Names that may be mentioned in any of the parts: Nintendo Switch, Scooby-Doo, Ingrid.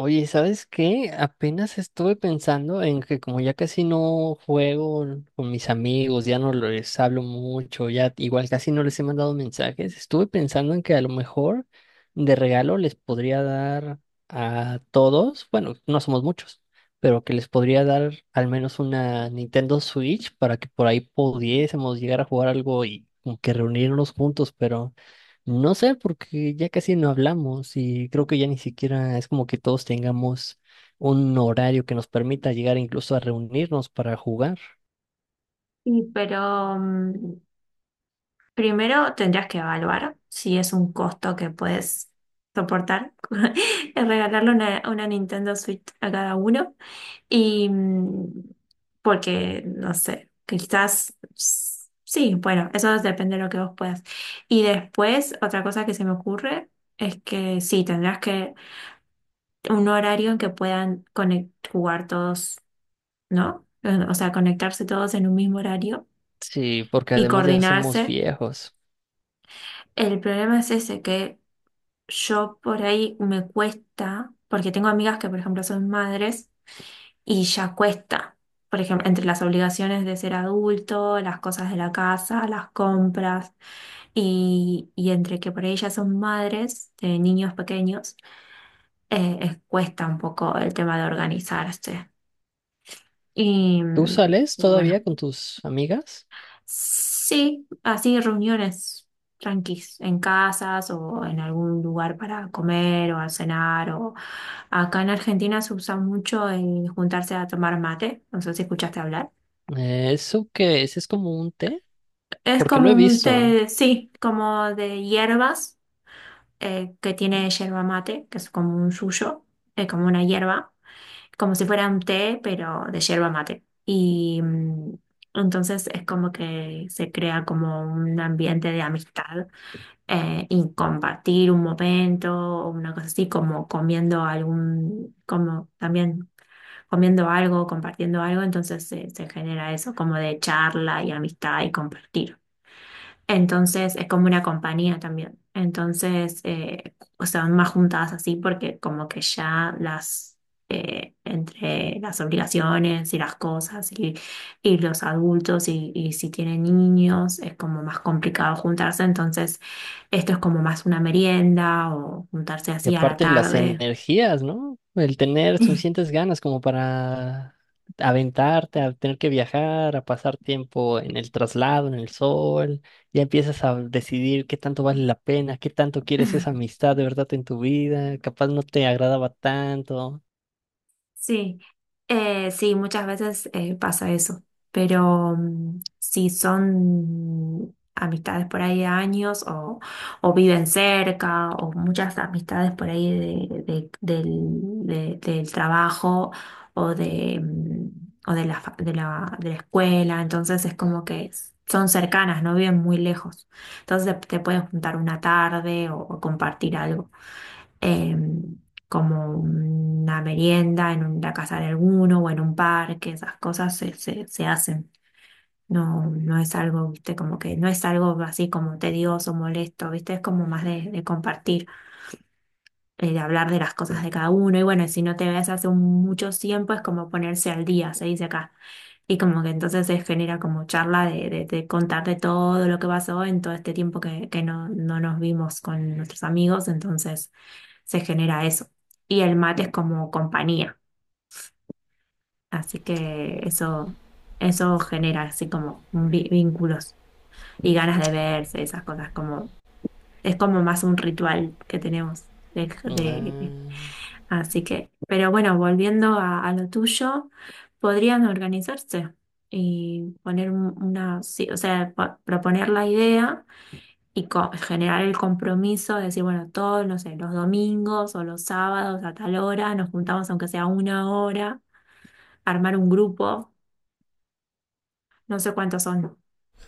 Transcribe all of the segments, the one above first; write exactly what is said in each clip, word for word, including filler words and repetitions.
Oye, ¿sabes qué? Apenas estuve pensando en que como ya casi no juego con mis amigos, ya no les hablo mucho, ya igual casi no les he mandado mensajes, estuve pensando en que a lo mejor de regalo les podría dar a todos, bueno, no somos muchos, pero que les podría dar al menos una Nintendo Switch para que por ahí pudiésemos llegar a jugar algo y como que reunirnos juntos, pero... No sé, porque ya casi no hablamos y creo que ya ni siquiera es como que todos tengamos un horario que nos permita llegar incluso a reunirnos para jugar. Sí, pero mm, primero tendrías que evaluar si es un costo que puedes soportar, el regalarle una, una Nintendo Switch a cada uno. Y mm, porque, no sé, quizás s- sí, bueno, eso depende de lo que vos puedas. Y después, otra cosa que se me ocurre es que sí, tendrás que un horario en que puedan conec- jugar todos, ¿no? O sea, conectarse todos en un mismo horario Sí, porque y además ya somos coordinarse. viejos. El problema es ese, que yo por ahí me cuesta, porque tengo amigas que, por ejemplo, son madres y ya cuesta. Por ejemplo, entre las obligaciones de ser adulto, las cosas de la casa, las compras, y, y entre que por ahí ya son madres de niños pequeños, eh, es- cuesta un poco el tema de organizarse. Y ¿Tú mm, sales bueno, todavía con tus amigas? sí, así reuniones tranquis, en casas o en algún lugar para comer o a cenar. O... Acá en Argentina se usa mucho el juntarse a tomar mate, no sé si escuchaste hablar. Eh, ¿Eso qué es? ¿Es como un té? Es Porque como lo he un visto. té, sí, como de hierbas, eh, que tiene yerba mate, que es como un suyo, eh, como una hierba, como si fuera un té, pero de yerba mate. Y mm, entonces es como que se crea como un ambiente de amistad, eh, y compartir un momento o una cosa así, como comiendo algún, como también comiendo algo, compartiendo algo, entonces se se genera eso como de charla y amistad y compartir. Entonces es como una compañía también. Entonces, eh, o sea, van más juntadas así porque como que ya las, eh, entre las obligaciones y las cosas y, y los adultos y, y si tienen niños es como más complicado juntarse. Entonces, esto es como más una merienda o juntarse Y así a la aparte las tarde. energías, ¿no? El tener suficientes ganas como para aventarte, a tener que viajar, a pasar tiempo en el traslado, en el sol, ya empiezas a decidir qué tanto vale la pena, qué tanto quieres esa amistad de verdad en tu vida, capaz no te agradaba tanto. Sí, eh, sí, muchas veces eh, pasa eso, pero mm, si son amistades por ahí de años o, o viven cerca o muchas amistades por ahí de, de- del, de- del trabajo o de, mm, o de la, fa- de la, de la escuela, entonces es como que son cercanas, no viven muy lejos, entonces te pueden juntar una tarde o o compartir algo, em, como una merienda en un- la casa de alguno o en un parque, esas cosas se, se, se hacen. No, no es algo, viste, como que no es algo así como tedioso, molesto, viste, es como más de, de compartir, eh, de hablar de las cosas de cada uno. Y bueno, si no te ves hace un- mucho tiempo, es como ponerse al día, se dice acá. Y como que entonces se genera como charla de, de, de contar de todo lo que pasó en todo este tiempo que, que no, no nos vimos con nuestros amigos. Entonces se genera eso. Y el mate es como compañía, así que eso, eso genera así como vi- vínculos y ganas de verse, esas cosas, como, es como más un ritual que tenemos. de- de- Ah. Así que, pero bueno, volviendo a, a lo tuyo, podrían organizarse y poner un- una, sí, o sea, po- proponer la idea y co- generar el compromiso de decir, bueno, todos, no sé, los domingos o los sábados a tal hora, nos juntamos aunque sea una hora, armar un grupo, no sé cuántos son.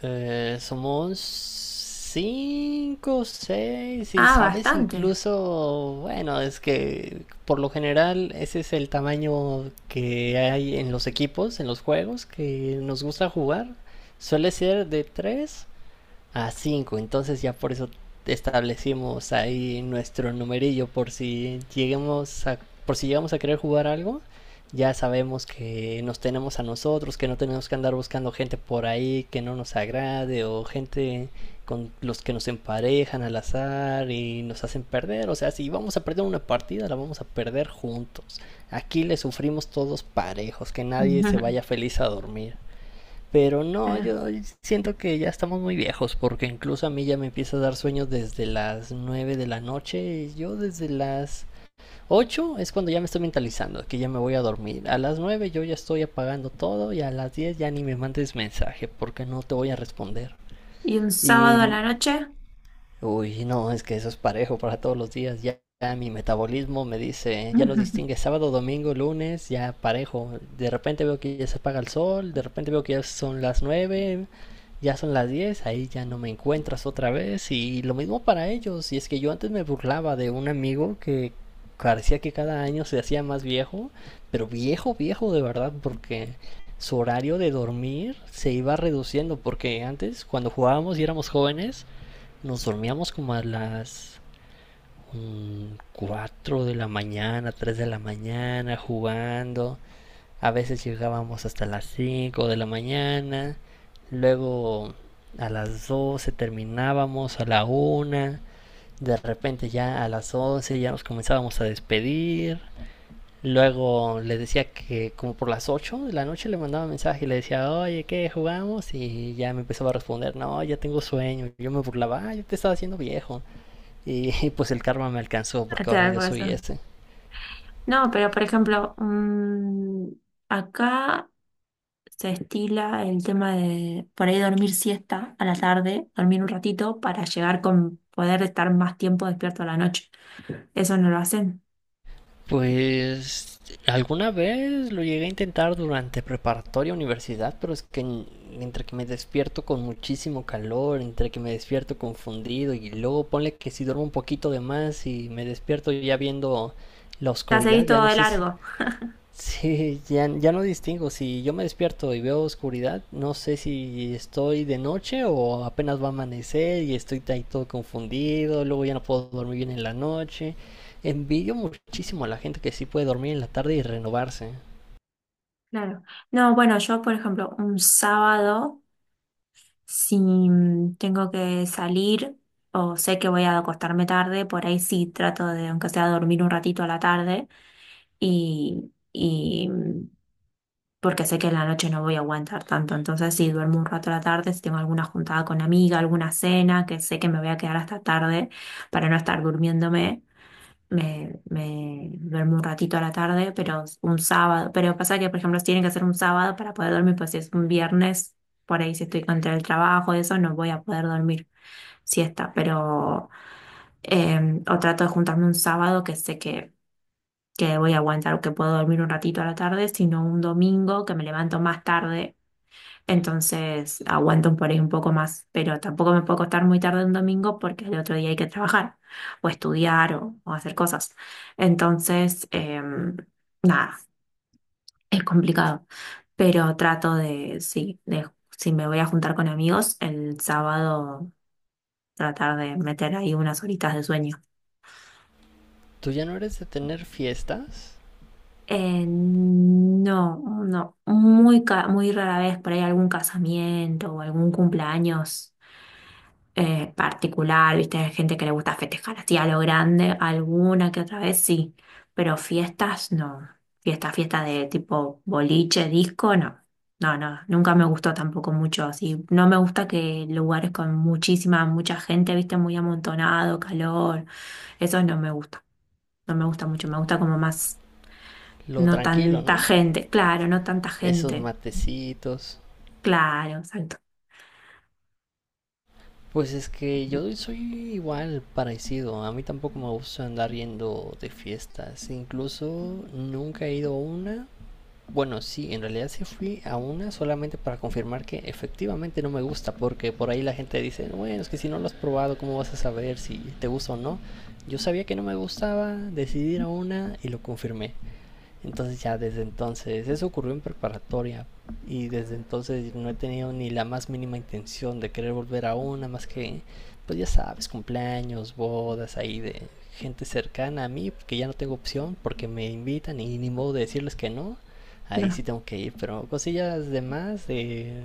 Eh, somos cinco, seis, y Ah, sabes bastante. incluso, bueno, es que por lo general ese es el tamaño que hay en los equipos, en los juegos que nos gusta jugar. Suele ser de tres a cinco. Entonces ya por eso establecimos ahí nuestro numerillo por si lleguemos a, por si llegamos a querer jugar algo. Ya sabemos que nos tenemos a nosotros, que no tenemos que andar buscando gente por ahí que no nos agrade o gente con los que nos emparejan al azar y nos hacen perder. O sea, si vamos a perder una partida, la vamos a perder juntos. Aquí le sufrimos todos parejos, que nadie se vaya feliz a dormir. Pero no, Claro. yo siento que ya estamos muy viejos, porque incluso a mí ya me empieza a dar sueños desde las nueve de la noche. Yo desde las ocho es cuando ya me estoy mentalizando, que ya me voy a dormir. A las nueve yo ya estoy apagando todo y a las diez ya ni me mandes mensaje, porque no te voy a responder. ¿Y un sábado a Y la noche? Uy, sí, no, es que eso es parejo para todos los días. Ya, ya mi metabolismo me dice, ya nos Ujú. distingue sábado, domingo, lunes, ya parejo. De repente veo que ya se apaga el sol, de repente veo que ya son las nueve, ya son las diez, ahí ya no me encuentras otra vez. Y lo mismo para ellos. Y es que yo antes me burlaba de un amigo que parecía que cada año se hacía más viejo, pero viejo, viejo de verdad, porque su horario de dormir se iba reduciendo, porque antes cuando jugábamos y éramos jóvenes, nos dormíamos como a las mm, cuatro de la mañana, tres de la mañana, jugando. A veces llegábamos hasta las cinco de la mañana. Luego a las doce terminábamos, a la una. De repente ya a las once ya nos comenzábamos a despedir. Luego le decía que como por las ocho de la noche le mandaba mensaje y le decía, oye, ¿qué jugamos? Y ya me empezaba a responder, no, ya tengo sueño. Yo me burlaba, "Ah, yo te estaba haciendo viejo". Y pues el karma me alcanzó Te porque da el ahora yo almuerzo. soy ese. No, pero por ejemplo, mm, acá se estila el tema de por ahí dormir siesta a la tarde, dormir un ratito para llegar con poder estar más tiempo despierto a la noche. Eso no lo hacen. Pues alguna vez lo llegué a intentar durante preparatoria universidad, pero es que en- entre que me despierto con muchísimo calor, entre que me despierto confundido y luego ponle que si duermo un poquito de más y me despierto ya viendo la Ya oscuridad, seguís ya todo no de sé si. largo. Sí, ya, ya no distingo. Si yo me despierto y veo oscuridad, no sé si estoy de noche o apenas va a amanecer y estoy ahí todo confundido. Luego ya no puedo dormir bien en la noche. Envidio muchísimo a la gente que sí puede dormir en la tarde y renovarse. Claro. No, bueno, yo, por ejemplo, un sábado, si mm, tengo que salir o sé que voy a acostarme tarde, por ahí sí trato de, aunque sea, dormir un ratito a la tarde y, y mm, porque sé que en la noche no voy a aguantar tanto. Entonces, si duermo un rato a la tarde, si tengo alguna juntada con amiga, alguna cena, que sé que me voy a quedar hasta tarde para no estar durmiéndome. Me, me duermo un ratito a la tarde, pero un sábado. Pero pasa que, por ejemplo, tiene que ser un sábado para poder dormir, pues si es un viernes, por ahí si estoy contra el trabajo, eso, no voy a poder dormir siesta. Pero, eh, o trato de juntarme un sábado que sé que, que voy a aguantar o que puedo dormir un ratito a la tarde, sino un domingo que me levanto más tarde entonces aguanto por ahí un poco más, pero tampoco me puedo acostar muy tarde un domingo porque el otro día hay que trabajar o estudiar o, o hacer cosas. Entonces, em, nada, es complicado, pero trato de, sí, de, si me voy a juntar con amigos, el sábado tratar de meter ahí unas horitas de sueño. ¿Tú ya no eres de tener fiestas? Eh, no, no, muy, ca- muy rara vez por ahí algún casamiento o algún cumpleaños eh, particular, viste, hay gente que le gusta festejar así a lo grande, alguna que otra vez sí, pero fiestas no, fiesta, fiesta de tipo boliche, disco, no, no, no, nunca me gustó tampoco mucho así, no me gusta que lugares con muchísima, mucha gente, viste, muy amontonado, calor, eso no me gusta, no me gusta mucho, me gusta como más, Lo no tranquilo, tanta ¿no? gente, claro, no tanta Esos gente, matecitos. claro, exacto, Pues es que yo soy igual parecido. A mí tampoco me gusta andar yendo de fiestas. Incluso nunca he ido a una. Bueno, sí, en realidad sí fui a una solamente para confirmar que efectivamente no me gusta, porque por ahí la gente dice, "No, bueno, es que si no lo has probado, ¿cómo vas a saber si te gusta o no?". Yo sabía que no me gustaba, decidí ir a una y lo confirmé. Entonces ya desde entonces, eso ocurrió en preparatoria y desde entonces no he tenido ni la más mínima intención de querer volver a una más que, pues ya sabes, cumpleaños, bodas ahí de gente cercana a mí, que ya no tengo opción porque me invitan y ni modo de decirles que no, no, ahí sí no. tengo que ir, pero cosillas de más, de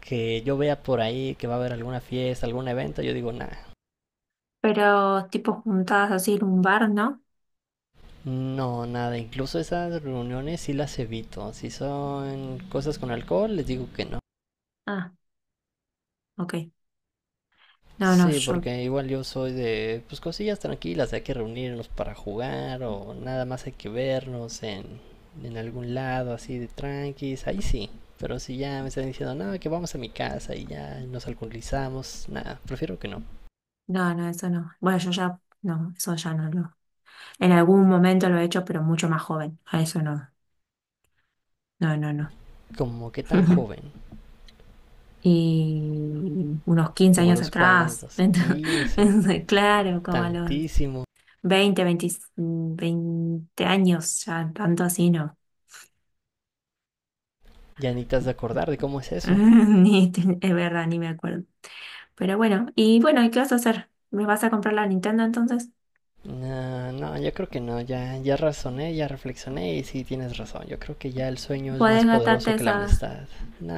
que yo vea por ahí que va a haber alguna fiesta, algún evento, yo digo nada. Pero tipo juntadas así en un bar, ¿no? No, nada, incluso esas reuniones sí las evito. Si son cosas con alcohol, les digo que no. Ah, ok. No, no, Sí, yo, porque igual yo soy de, pues cosillas tranquilas, hay que reunirnos para jugar o nada más hay que vernos en, en algún lado así de tranquis, ahí sí. Pero si ya me están diciendo, no, que vamos a mi casa y ya nos alcoholizamos, nada, prefiero que no. no, no, eso no. Bueno, yo ya, no, eso ya no lo. En algún momento lo he hecho, pero mucho más joven. A eso no, no, no, no. ¿Como que tan joven, Y unos quince como años los atrás, cuantos, quince, entonces, claro, como a los tantísimo, veinte, veinte, veinte años, ya tanto así no. ya ni te has de acordar de cómo es eso? Ni, te- es verdad, ni me acuerdo. Pero bueno, y bueno, ¿y qué vas a hacer? ¿Me vas a comprar la Nintendo entonces? No, no, yo creo que no, ya, ya razoné, ya reflexioné y sí tienes razón. Yo creo que ya el sueño es más Podés gastarte poderoso que la esa amistad.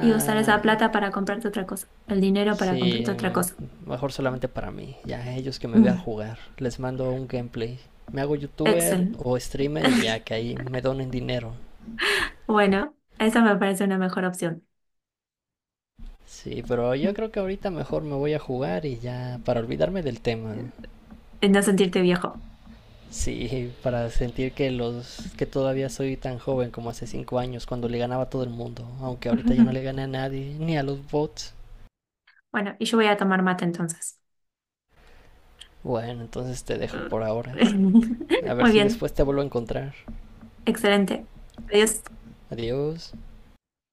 y usar no, no. esa plata para comprarte otra cosa, el dinero para Sí, comprarte otra cosa. mm, mejor solamente para mí. Ya ellos que me vean Mm, jugar. Les mando un gameplay. Me hago youtuber Excel. o streamer y ya que ahí me donen dinero. Bueno, esa me parece una mejor opción. Sí, pero yo Mm, creo que ahorita mejor me voy a jugar y ya para olvidarme del tema. En no sentirte viejo. Sí, para sentir que los que todavía soy tan joven como hace cinco años cuando le ganaba a todo el mundo, aunque ahorita ya no le gane a nadie, ni a los bots. Bueno, y yo voy a tomar mate entonces. Bueno, entonces te dejo por ahora. A ver Muy si bien, después te vuelvo a encontrar. excelente. Adiós. Adiós.